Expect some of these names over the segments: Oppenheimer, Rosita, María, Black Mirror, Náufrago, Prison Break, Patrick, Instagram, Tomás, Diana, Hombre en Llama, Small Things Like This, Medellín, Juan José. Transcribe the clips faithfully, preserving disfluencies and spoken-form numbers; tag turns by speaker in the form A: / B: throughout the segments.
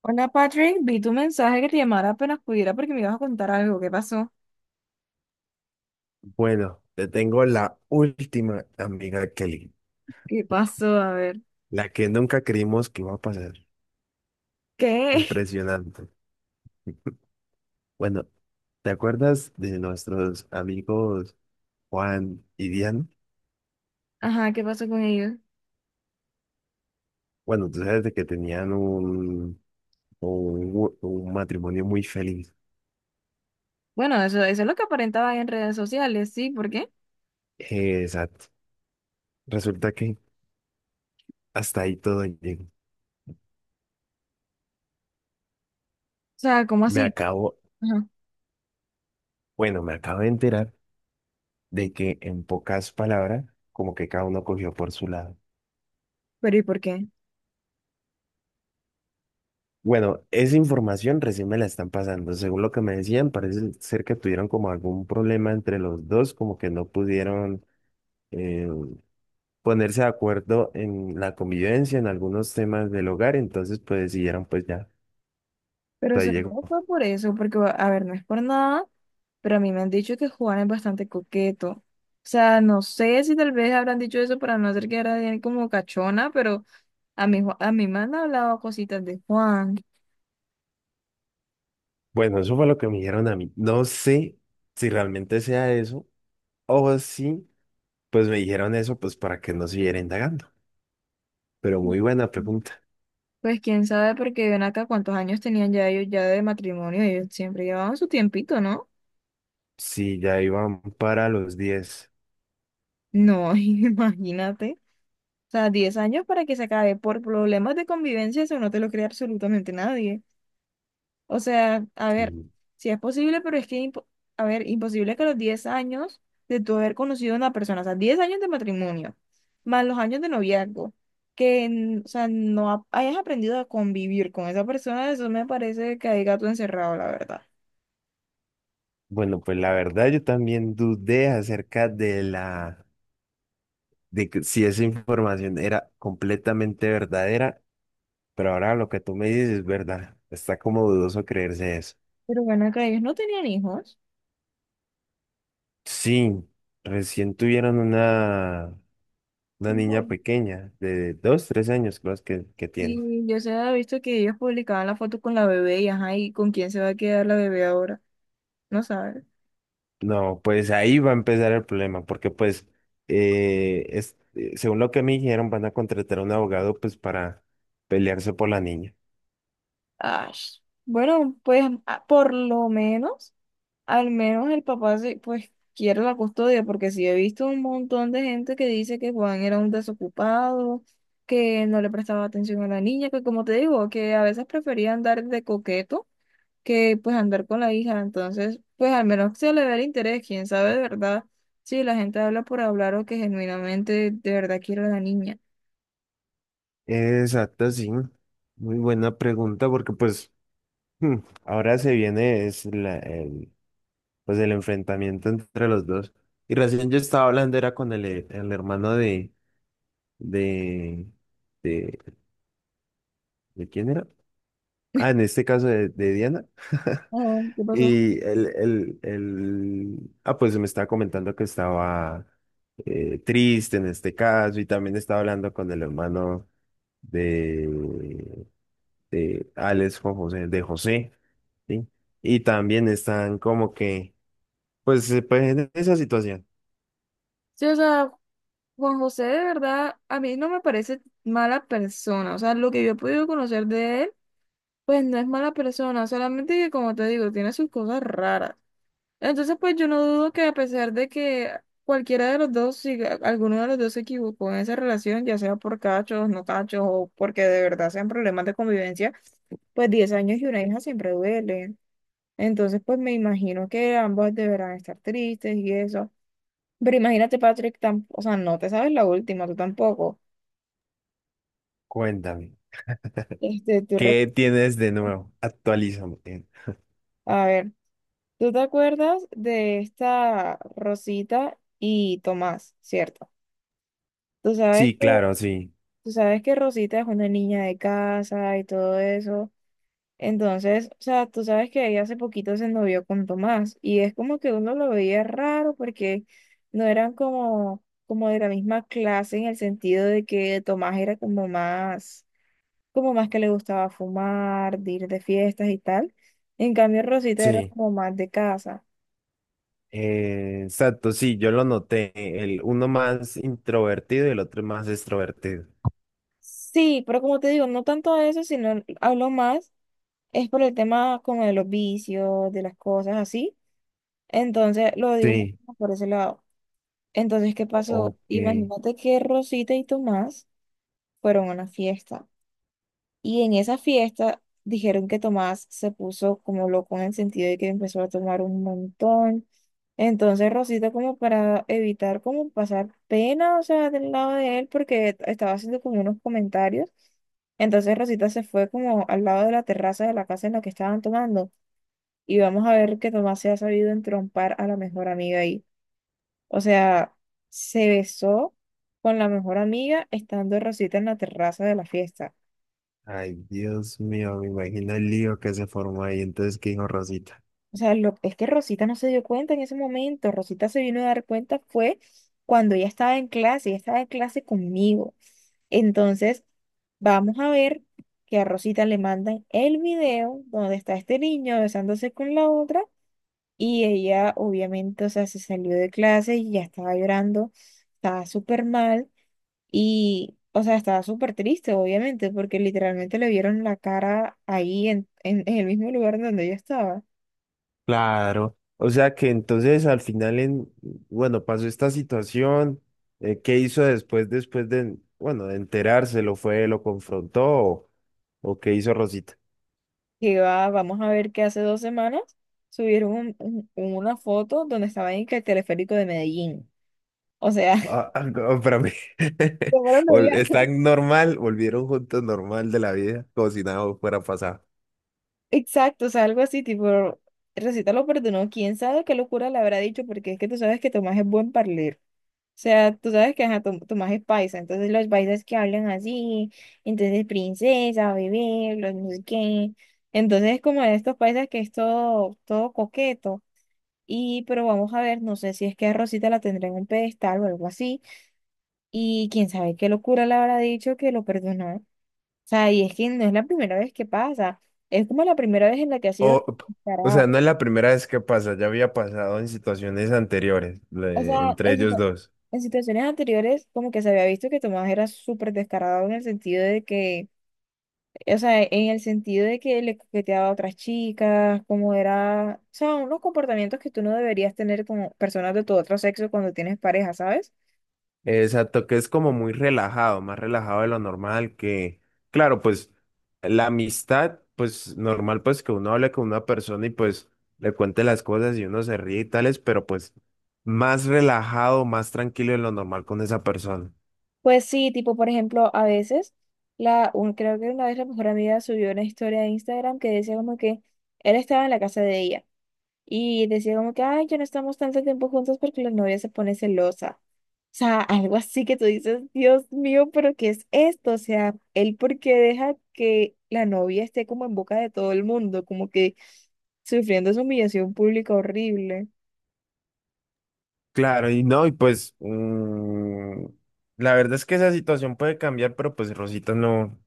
A: Hola Patrick, vi tu mensaje que te llamara apenas pudiera porque me ibas a contar algo. ¿Qué pasó?
B: Bueno, te tengo la última, amiga Kelly,
A: ¿Qué pasó? A ver.
B: la que nunca creímos que iba a pasar.
A: ¿Qué?
B: Impresionante. Bueno, ¿te acuerdas de nuestros amigos Juan y Diane?
A: Ajá, ¿qué pasó con ellos?
B: Bueno, tú sabes de que tenían un, un, un matrimonio muy feliz.
A: Bueno, eso, eso es lo que aparentaba en redes sociales, ¿sí? ¿Por qué? O
B: Eh, Exacto. Resulta que hasta ahí todo llegó.
A: sea, ¿cómo
B: Me
A: así?
B: acabo,
A: Ajá,
B: bueno, me acabo de enterar de que en pocas palabras, como que cada uno cogió por su lado.
A: pero ¿y por qué?
B: Bueno, esa información recién me la están pasando. Según lo que me decían, parece ser que tuvieron como algún problema entre los dos, como que no pudieron eh, ponerse de acuerdo en la convivencia, en algunos temas del hogar, entonces pues decidieron pues ya, hasta
A: Pero
B: ahí llegó.
A: seguro fue por eso, porque, a ver, no es por nada, pero a mí me han dicho que Juan es bastante coqueto. O sea, no sé si tal vez habrán dicho eso para no hacer que era de él como cachona, pero a mí, Ju- a mí me han hablado cositas de Juan.
B: Bueno, eso fue lo que me dijeron a mí. No sé si realmente sea eso o si pues me dijeron eso pues para que no siguiera indagando. Pero muy buena pregunta.
A: Pues quién sabe, porque ven acá cuántos años tenían ya ellos ya de matrimonio, ellos siempre llevaban su tiempito, ¿no?
B: Si ya iban para los diez.
A: No, imagínate. O sea, diez años para que se acabe por problemas de convivencia, eso no te lo cree absolutamente nadie. O sea, a ver, si es posible, pero es que, impo- a ver, imposible que a los diez años de tu haber conocido a una persona, o sea, diez años de matrimonio, más los años de noviazgo, que, n- o sea, no ha- hayas aprendido a convivir con esa persona, eso me parece que hay gato encerrado, la verdad.
B: Bueno, pues la verdad yo también dudé acerca de la de que si esa información era completamente verdadera, pero ahora lo que tú me dices es verdad. Está como dudoso creerse eso.
A: Pero bueno, acá ellos no tenían hijos.
B: Sí, recién tuvieron una, una niña
A: No.
B: pequeña de dos, tres años, creo que, que tiene.
A: Y yo se había visto que ellos publicaban la foto con la bebé y ajá, ¿y con quién se va a quedar la bebé ahora? No sabes.
B: No, pues ahí va a empezar el problema, porque pues eh, es- eh, según lo que me dijeron, van a contratar a un abogado pues para pelearse por la niña.
A: Ah, bueno, pues ah, por lo menos, al menos el papá se, pues quiere la custodia, porque sí he visto un montón de gente que dice que Juan era un desocupado, que no le prestaba atención a la niña, que como te digo, que a veces prefería andar de coqueto que pues andar con la hija. Entonces, pues al menos se le ve el interés, quién sabe de verdad si la gente habla por hablar o que genuinamente de verdad quiere a la niña.
B: Exacto, sí. Muy buena pregunta porque pues hmm, ahora se viene es la- el, pues el enfrentamiento entre los dos. Y recién yo estaba hablando era con el, he- el hermano de, de, de, ¿de quién era? Ah, en este caso de, de Diana.
A: Oh, ¿qué pasó?
B: Y el, el, el, ah, pues me estaba comentando que estaba eh, triste en este caso y también estaba hablando con el hermano de de Alex Juan José, de José, ¿sí? Y también están como que, pues, eh, pues en esa situación.
A: Sí, o sea, Juan José de verdad a mí no me parece mala persona. O sea, lo que yo he podido conocer de él, pues no es mala persona, solamente que como te digo, tiene sus cosas raras. Entonces, pues yo no dudo que a pesar de que cualquiera de los dos, si a- alguno de los dos se equivocó en esa relación, ya sea por cachos, no cachos, o porque de verdad sean problemas de convivencia, pues diez años y una hija siempre duele. Entonces, pues me imagino que ambos deberán estar tristes y eso. Pero imagínate, Patrick, tam- o sea, no te sabes la última, tú tampoco.
B: Cuéntame,
A: Este, tú rec-
B: ¿qué tienes de nuevo? Actualízame.
A: a ver, tú te acuerdas de esta Rosita y Tomás, ¿cierto? Tú sabes que
B: Sí, claro, sí,
A: Tú sabes que Rosita es una niña de casa y todo eso. Entonces, o sea, tú sabes que ella hace poquito se novió con Tomás y es como que uno lo veía raro porque no eran como, como de la misma clase en el sentido de que Tomás era como más, como más que le gustaba fumar, de ir de fiestas y tal. En cambio, Rosita era
B: sí.
A: como más de casa.
B: Eh, exacto, sí, yo lo noté. El uno más introvertido y el otro más extrovertido.
A: Sí, pero como te digo, no tanto de eso, sino hablo más, es por el tema como de los vicios, de las cosas así. Entonces, lo digo
B: Sí,
A: por ese lado. Entonces, ¿qué pasó?
B: ok.
A: Imagínate que Rosita y Tomás fueron a una fiesta. Y en esa fiesta dijeron que Tomás se puso como loco en el sentido de que empezó a tomar un montón. Entonces, Rosita como para evitar como pasar pena, o sea, del lado de él, porque estaba haciendo como unos comentarios. Entonces Rosita se fue como al lado de la terraza de la casa en la que estaban tomando y vamos a ver que Tomás se ha sabido entrompar a la mejor amiga ahí. O sea, se besó con la mejor amiga estando Rosita en la terraza de la fiesta.
B: Ay, Dios mío, me imagino el lío que se formó ahí. Entonces, ¿qué dijo Rosita?
A: O sea, lo, es que Rosita no se dio cuenta en ese momento. Rosita se vino a dar cuenta fue cuando ella estaba en clase, ella estaba en clase conmigo. Entonces, vamos a ver que a Rosita le mandan el video donde está este niño besándose con la otra y ella obviamente, o sea, se salió de clase y ya estaba llorando, estaba súper mal. Y, o sea, estaba súper triste, obviamente, porque literalmente le vieron la cara ahí en, en, en el mismo lugar en donde yo estaba.
B: Claro, o sea que entonces al final en, bueno, pasó esta situación, eh, ¿qué hizo después, después de, bueno, de enterarse, lo fue, lo confrontó o, o qué hizo Rosita?
A: Que va, vamos a ver que hace dos semanas subieron un- un- una foto donde estaba en que el teleférico de Medellín. O sea,
B: Ah, ah, no, para mí,
A: ¿cómo lo
B: Vol-
A: veía?
B: están normal, volvieron juntos normal de la vida, como si nada fuera pasado.
A: Exacto, o sea, algo así, tipo, Recita lo perdonó, quién sabe qué locura le habrá dicho, porque es que tú sabes que Tomás es buen parler. Sea, tú sabes que ajá, tu, tu magia es paisa, entonces los paisas que hablan así, entonces princesa, bebé, los no sé qué. Entonces es como de estos paisas que es todo, todo coqueto. Y pero vamos a ver, no sé si es que a Rosita la tendrá en un pedestal o algo así. Y quién sabe qué locura le habrá dicho que lo perdonó. O sea, y es que no es la primera vez que pasa. Es como la primera vez en la que ha sido
B: O, o sea,
A: descarado.
B: no es la primera vez que pasa, ya había pasado en situaciones anteriores,
A: O
B: le-
A: sea,
B: entre
A: en,
B: ellos
A: situ-
B: dos.
A: en situaciones anteriores como que se había visto que Tomás era súper descarado en el sentido de que o sea, en el sentido de que le coqueteaba a otras chicas, como era, o sea, unos comportamientos que tú no deberías tener con personas de tu otro sexo cuando tienes pareja, ¿sabes?
B: Exacto, que es como muy relajado, más relajado de lo normal, que claro, pues la amistad, pues normal, pues que uno hable con una persona y pues le cuente las cosas y uno se ríe y tales, pero pues más relajado, más tranquilo de lo normal con esa persona.
A: Pues sí, tipo, por ejemplo, a veces, la, un- creo que una vez la mejor amiga subió una historia de Instagram que decía como que él estaba en la casa de ella y decía como que, ay, ya no estamos tanto tiempo juntos porque la novia se pone celosa. O sea, algo así que tú dices, Dios mío, pero ¿qué es esto? O sea, él porque deja que la novia esté como en boca de todo el mundo, como que sufriendo esa humillación pública horrible.
B: Claro, y no, y pues mm, la verdad es que esa situación puede cambiar, pero pues Rosita no,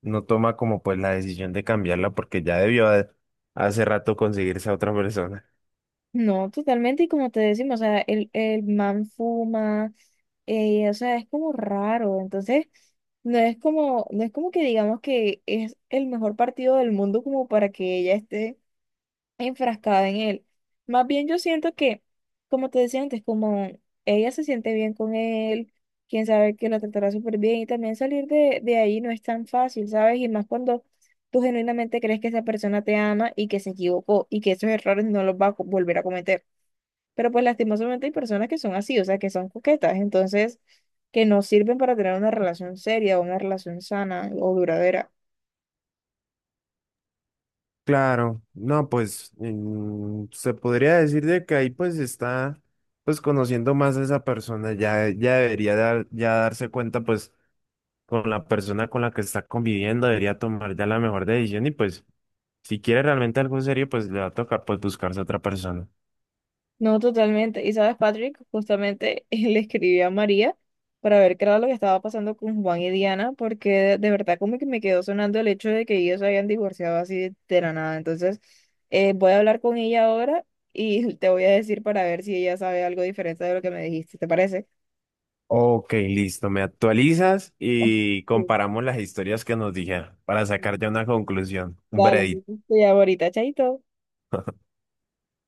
B: no toma como pues la decisión de cambiarla porque ya debió de- hace rato conseguirse a otra persona.
A: No, totalmente, y como te decimos, o sea, el, el man fuma, eh, o sea, es como raro, entonces no es como, no es como que digamos que es el mejor partido del mundo como para que ella esté enfrascada en él. Más bien yo siento que, como te decía antes, como ella se siente bien con él, quién sabe que la tratará súper bien y también salir de, de ahí no es tan fácil, ¿sabes? Y más cuando tú genuinamente crees que esa persona te ama y que se equivocó y que esos errores no los va a co- volver a cometer. Pero pues lastimosamente hay personas que son así, o sea, que son coquetas, entonces que no sirven para tener una relación seria o una relación sana o duradera.
B: Claro, no, pues mm, se podría decir de que ahí pues está pues conociendo más a esa persona, ya, ya debería dar, ya darse cuenta pues con la persona con la que está conviviendo, debería tomar ya la mejor decisión y pues si quiere realmente algo serio pues le va a tocar pues buscarse otra persona.
A: No, totalmente. Y sabes, Patrick, justamente le escribí a María para ver qué era lo que estaba pasando con Juan y Diana, porque de, de verdad como que me quedó sonando el hecho de que ellos se habían divorciado así de la nada. Entonces, eh, voy a hablar con ella ahora y te voy a decir para ver si ella sabe algo diferente de lo que me dijiste, ¿te parece?
B: Ok, listo, me actualizas y
A: Sí.
B: comparamos las historias que nos dijeron para sacar ya una conclusión, un
A: Dale,
B: veredicto.
A: entonces te llamo ahorita, chaito.